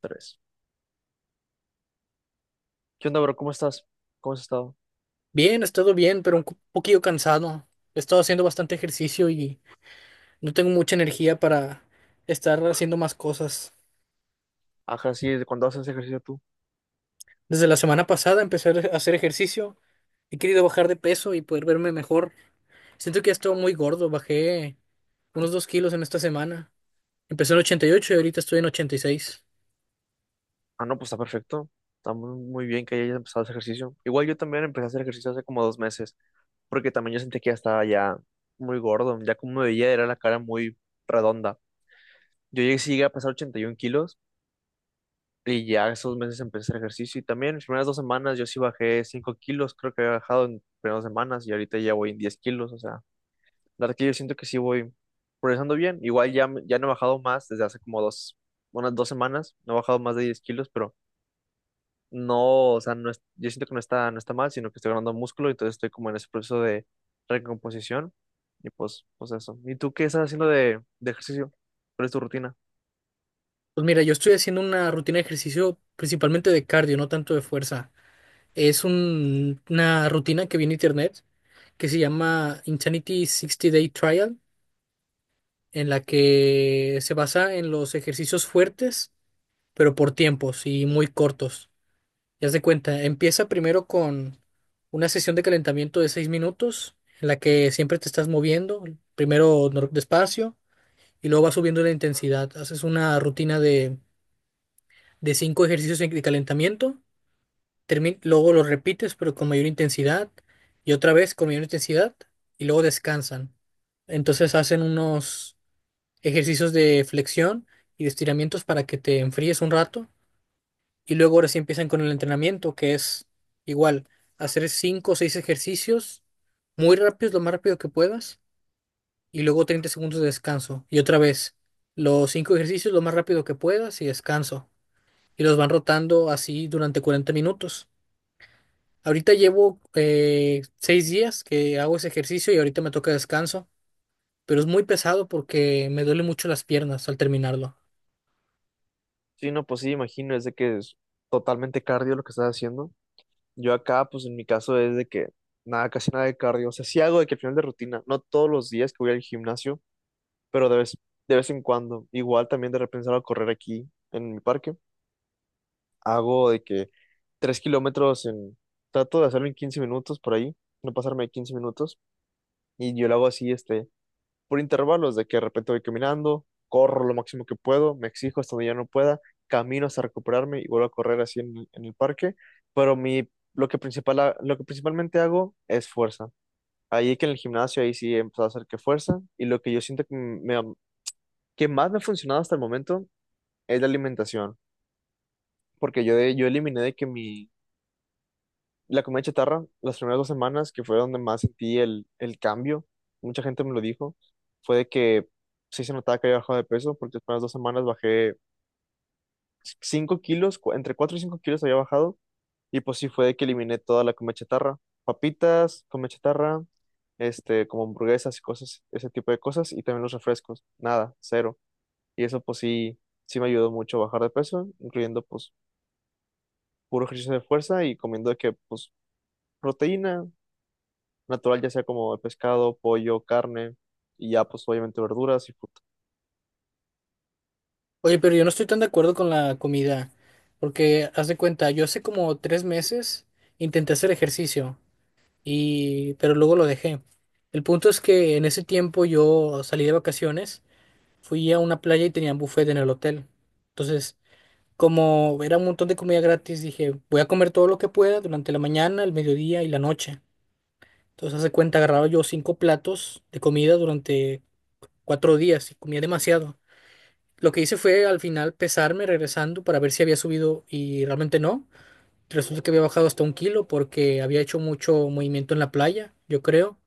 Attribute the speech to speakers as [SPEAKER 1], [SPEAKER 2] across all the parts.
[SPEAKER 1] Tres. ¿Qué onda, bro? ¿Cómo estás? ¿Cómo has estado?
[SPEAKER 2] Bien, he estado bien, pero un poquillo cansado. He estado haciendo bastante ejercicio y no tengo mucha energía para estar haciendo más cosas.
[SPEAKER 1] Ajá, sí, ¿de cuándo haces ejercicio tú?
[SPEAKER 2] Desde la semana pasada empecé a hacer ejercicio. He querido bajar de peso y poder verme mejor. Siento que he estado muy gordo. Bajé unos 2 kilos en esta semana. Empecé en 88 y ocho y ahorita estoy en 86.
[SPEAKER 1] Ah, no, pues está perfecto. Está muy, muy bien que hayas empezado ese ejercicio. Igual yo también empecé a hacer ejercicio hace como dos meses, porque también yo sentí que ya estaba muy gordo. Ya como me veía, era la cara muy redonda. Sí llegué a pesar 81 kilos y ya esos meses empecé a hacer ejercicio. Y también en las primeras dos semanas yo sí bajé 5 kilos, creo que había bajado en primeras dos semanas, y ahorita ya voy en 10 kilos, o sea. La verdad que yo siento que sí voy progresando bien. Igual ya, ya no he bajado más desde hace unas dos semanas. No he bajado más de 10 kilos, pero no, o sea, no es- yo siento que no está, no está mal, sino que estoy ganando músculo. Entonces estoy como en ese proceso de recomposición. Y pues eso. ¿Y tú qué estás haciendo de ejercicio? ¿Cuál es tu rutina?
[SPEAKER 2] Pues mira, yo estoy haciendo una rutina de ejercicio principalmente de cardio, no tanto de fuerza. Es una rutina que vi en internet que se llama Insanity sixty Day Trial en la que se basa en los ejercicios fuertes, pero por tiempos y muy cortos. Ya se cuenta, empieza primero con una sesión de calentamiento de 6 minutos, en la que siempre te estás moviendo, primero despacio y luego vas subiendo la intensidad. Haces una rutina de 5 ejercicios de calentamiento, luego los repites, pero con mayor intensidad, y otra vez con mayor intensidad, y luego descansan. Entonces hacen unos ejercicios de flexión y de estiramientos para que te enfríes un rato. Y luego ahora sí empiezan con el entrenamiento, que es igual, hacer cinco o seis ejercicios muy rápidos, lo más rápido que puedas, y luego 30 segundos de descanso. Y otra vez, los cinco ejercicios lo más rápido que puedas y descanso. Y los van rotando así durante 40 minutos. Ahorita llevo 6 días que hago ese ejercicio y ahorita me toca descanso, pero es muy pesado porque me duele mucho las piernas al terminarlo.
[SPEAKER 1] Sí, no, pues sí, imagino, es de que es totalmente cardio lo que estás haciendo. Yo acá, pues en mi caso es de que nada, casi nada de cardio. O sea, sí hago de que al final de rutina, no todos los días que voy al gimnasio, pero de vez en cuando, igual también de repente salgo a correr aquí en mi parque. Hago de que tres kilómetros en, trato de hacerlo en 15 minutos por ahí, no pasarme de 15 minutos, y yo lo hago así, este, por intervalos, de que de repente voy caminando, corro lo máximo que puedo, me exijo hasta donde ya no pueda, camino hasta recuperarme y vuelvo a correr así en el parque. pero mi, lo que principal, lo que principalmente hago es fuerza. Ahí que en el gimnasio, ahí sí he empezado a hacer que fuerza, y lo que yo siento que más me ha funcionado hasta el momento es la alimentación, porque yo, yo eliminé la comida chatarra, las primeras dos semanas, que fue donde más sentí el cambio. Mucha gente me lo dijo, fue de que sí se notaba que había bajado de peso, porque las primeras dos semanas bajé 5 kilos, entre 4 y 5 kilos había bajado, y pues sí fue de que eliminé toda la comida chatarra, papitas, comida chatarra, este, como hamburguesas y cosas, ese tipo de cosas, y también los refrescos, nada, cero. Y eso pues sí, sí me ayudó mucho a bajar de peso, incluyendo pues puro ejercicio de fuerza y comiendo de que, pues, proteína natural, ya sea como pescado, pollo, carne, y ya, pues, obviamente verduras y fruta.
[SPEAKER 2] Oye, pero yo no estoy tan de acuerdo con la comida, porque haz de cuenta, yo hace como 3 meses intenté hacer ejercicio y pero luego lo dejé. El punto es que en ese tiempo yo salí de vacaciones, fui a una playa y tenían buffet en el hotel. Entonces, como era un montón de comida gratis, dije, voy a comer todo lo que pueda durante la mañana, el mediodía y la noche. Entonces, haz de cuenta, agarraba yo cinco platos de comida durante 4 días y comía demasiado. Lo que hice fue al final pesarme regresando para ver si había subido y realmente no. Resulta que había bajado hasta un kilo porque había hecho mucho movimiento en la playa, yo creo.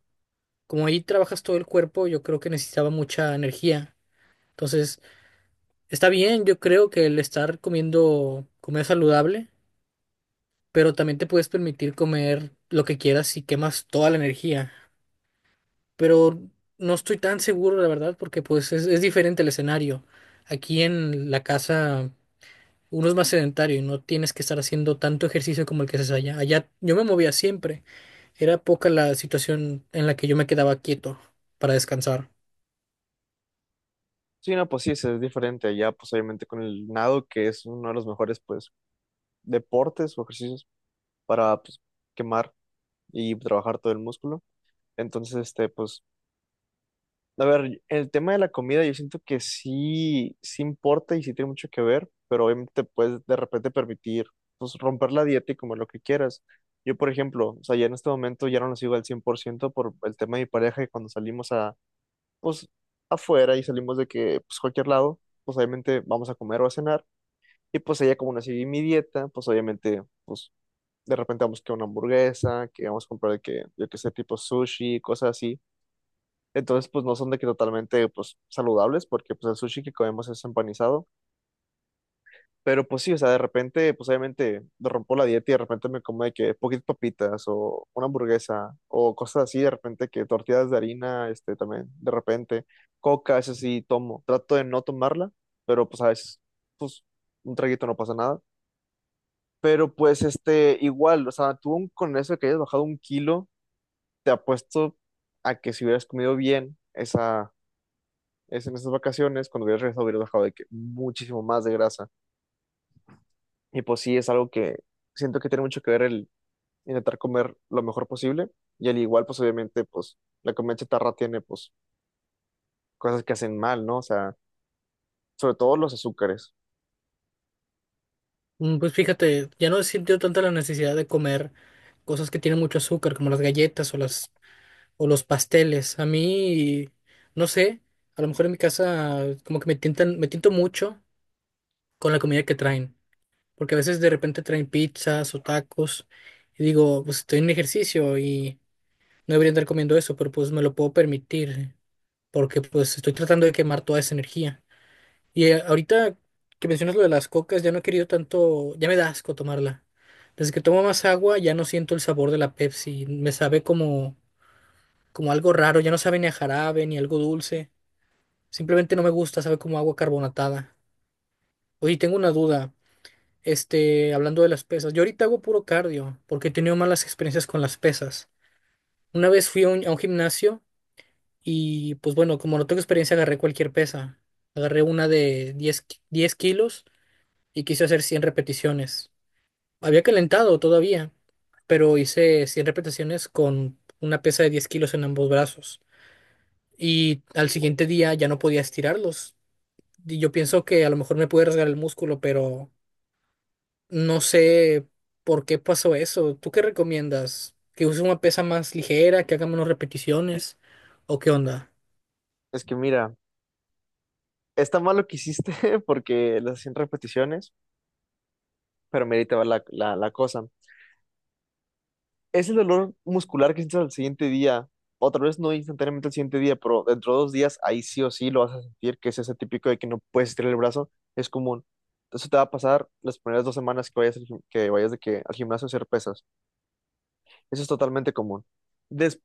[SPEAKER 2] Como ahí trabajas todo el cuerpo, yo creo que necesitaba mucha energía. Entonces, está bien, yo creo que el estar comiendo comer saludable, pero también te puedes permitir comer lo que quieras y quemas toda la energía. Pero no estoy tan seguro, la verdad, porque pues es diferente el escenario. Aquí en la casa uno es más sedentario y no tienes que estar haciendo tanto ejercicio como el que haces allá. Allá yo me movía siempre. Era poca la situación en la que yo me quedaba quieto para descansar.
[SPEAKER 1] Sí, no, pues sí, es diferente. Ya, pues, obviamente con el nado, que es uno de los mejores, pues, deportes o ejercicios para, pues, quemar y trabajar todo el músculo. Entonces, este, pues, a ver, el tema de la comida yo siento que sí, sí importa y sí tiene mucho que ver, pero obviamente puedes de repente permitir pues, romper la dieta y comer lo que quieras. Yo, por ejemplo, o sea, ya en este momento ya no lo sigo al cien por ciento por el tema de mi pareja, y cuando pues, afuera y salimos de que, pues, cualquier lado, pues obviamente vamos a comer o a cenar, y pues ella como no sigue mi dieta, pues obviamente, pues de repente vamos que a una hamburguesa, que vamos a comprar de que, yo que sé, tipo sushi, cosas así. Entonces, pues no son de que totalmente pues saludables, porque pues el sushi que comemos es empanizado. Pero pues sí, o sea, de repente, pues obviamente me rompo la dieta y de repente me como de que poquitas papitas o una hamburguesa o cosas así, de repente que tortillas de harina, este también, de repente, coca, eso sí tomo. Trato de no tomarla, pero pues a veces, pues un traguito no pasa nada. Pero pues este, igual, o sea, con eso de que hayas bajado un kilo, te apuesto a que si hubieras comido bien esa es en esas vacaciones, cuando hubieras regresado hubieras bajado de que muchísimo más de grasa. Y pues sí, es algo que siento que tiene mucho que ver el intentar comer lo mejor posible. Y al igual, pues obviamente, pues la comida chatarra tiene pues cosas que hacen mal, ¿no? O sea, sobre todo los azúcares.
[SPEAKER 2] Mm, pues fíjate, ya no he sentido tanta la necesidad de comer cosas que tienen mucho azúcar, como las galletas o los pasteles. A mí, no sé, a lo mejor en mi casa como que me tientan, me tiento mucho con la comida que traen, porque a veces de repente traen pizzas o tacos y digo, pues estoy en ejercicio y no debería andar comiendo eso, pero pues me lo puedo permitir, porque pues estoy tratando de quemar toda esa energía. Y ahorita que mencionas lo de las cocas, ya no he querido tanto, ya me da asco tomarla. Desde que tomo más agua, ya no siento el sabor de la Pepsi, me sabe como, como algo raro, ya no sabe ni a jarabe, ni algo dulce. Simplemente no me gusta, sabe como agua carbonatada. Oye, tengo una duda, este, hablando de las pesas, yo ahorita hago puro cardio, porque he tenido malas experiencias con las pesas. Una vez fui a un gimnasio. Y pues bueno, como no tengo experiencia, agarré cualquier pesa. Agarré una de 10 kilos y quise hacer 100 repeticiones. Había calentado todavía, pero hice 100 repeticiones con una pesa de 10 kilos en ambos brazos. Y al siguiente día ya no podía estirarlos. Y yo pienso que a lo mejor me pude rasgar el músculo, pero no sé por qué pasó eso. ¿Tú qué recomiendas? ¿Que use una pesa más ligera, que haga menos repeticiones? ¿O qué onda?
[SPEAKER 1] Es que mira, está mal lo que hiciste porque las 100 repeticiones, pero merita va la cosa. Es el dolor muscular que sientes al siguiente día. Otra vez no instantáneamente al siguiente día, pero dentro de dos días ahí sí o sí lo vas a sentir, que es ese típico de que no puedes estirar el brazo, es común. Eso te va a pasar las primeras dos semanas que vayas, que vayas de que al gimnasio a hacer pesas. Eso es totalmente común. Des-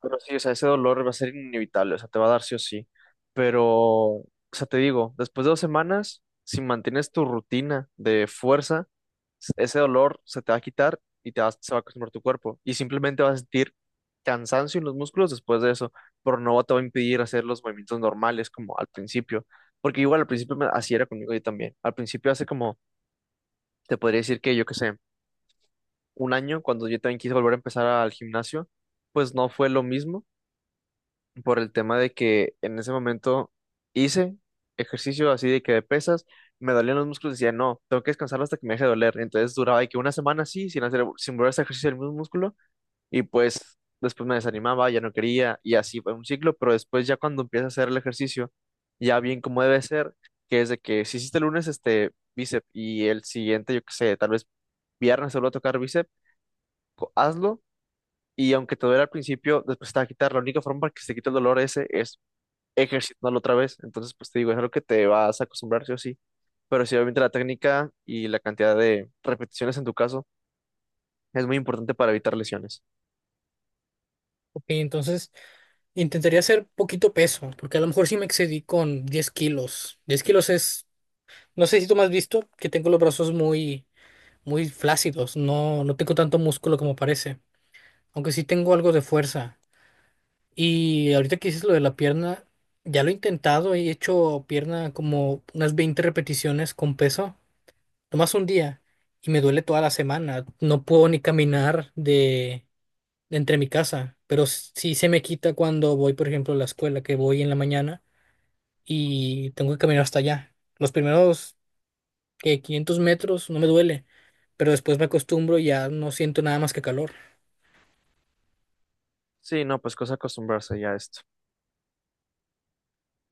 [SPEAKER 1] pero sí, o sea, ese dolor va a ser inevitable, o sea, te va a dar sí o sí. Pero, o sea, te digo, después de dos semanas, si mantienes tu rutina de fuerza, ese dolor se te va a quitar y se va a acostumbrar tu cuerpo, y simplemente vas a sentir cansancio en los músculos después de eso, pero no te va a impedir hacer los movimientos normales como al principio, porque igual al principio así era conmigo yo también. Al principio hace como, te podría decir que yo qué sé, un año, cuando yo también quise volver a empezar al gimnasio, pues no fue lo mismo por el tema de que en ese momento hice ejercicio así de que de pesas, me dolían los músculos, decía, no, tengo que descansarlo hasta que me deje de doler. Entonces duraba de que una semana así, sin volver a hacer ejercicio del mismo músculo, y pues después me desanimaba, ya no quería, y así fue un ciclo, pero después ya cuando empiezas a hacer el ejercicio, ya bien como debe ser, que es de que si hiciste el lunes este bíceps y el siguiente, yo qué sé, tal vez viernes solo a tocar bíceps, hazlo. Y aunque te duele al principio, después te va a quitar. La única forma para que se te quite el dolor ese es ejercitándolo otra vez. Entonces, pues te digo, es algo que te vas a acostumbrar, sí o sí. Pero sí, obviamente la técnica y la cantidad de repeticiones en tu caso es muy importante para evitar lesiones.
[SPEAKER 2] Ok, entonces... Intentaría hacer poquito peso, porque a lo mejor sí me excedí con 10 kilos. 10 kilos es, no sé si tú me has visto, que tengo los brazos muy, muy flácidos, no, no tengo tanto músculo como parece, aunque sí tengo algo de fuerza. Y ahorita que dices lo de la pierna, ya lo he intentado, he hecho pierna como unas 20 repeticiones con peso, nomás un día, y me duele toda la semana, no puedo ni caminar de entre mi casa, pero sí se me quita cuando voy, por ejemplo, a la escuela, que voy en la mañana. Y tengo que caminar hasta allá. Los primeros que 500 metros no me duele, pero después me acostumbro y ya no siento nada más que calor.
[SPEAKER 1] Sí, no, pues cosa acostumbrarse ya a esto.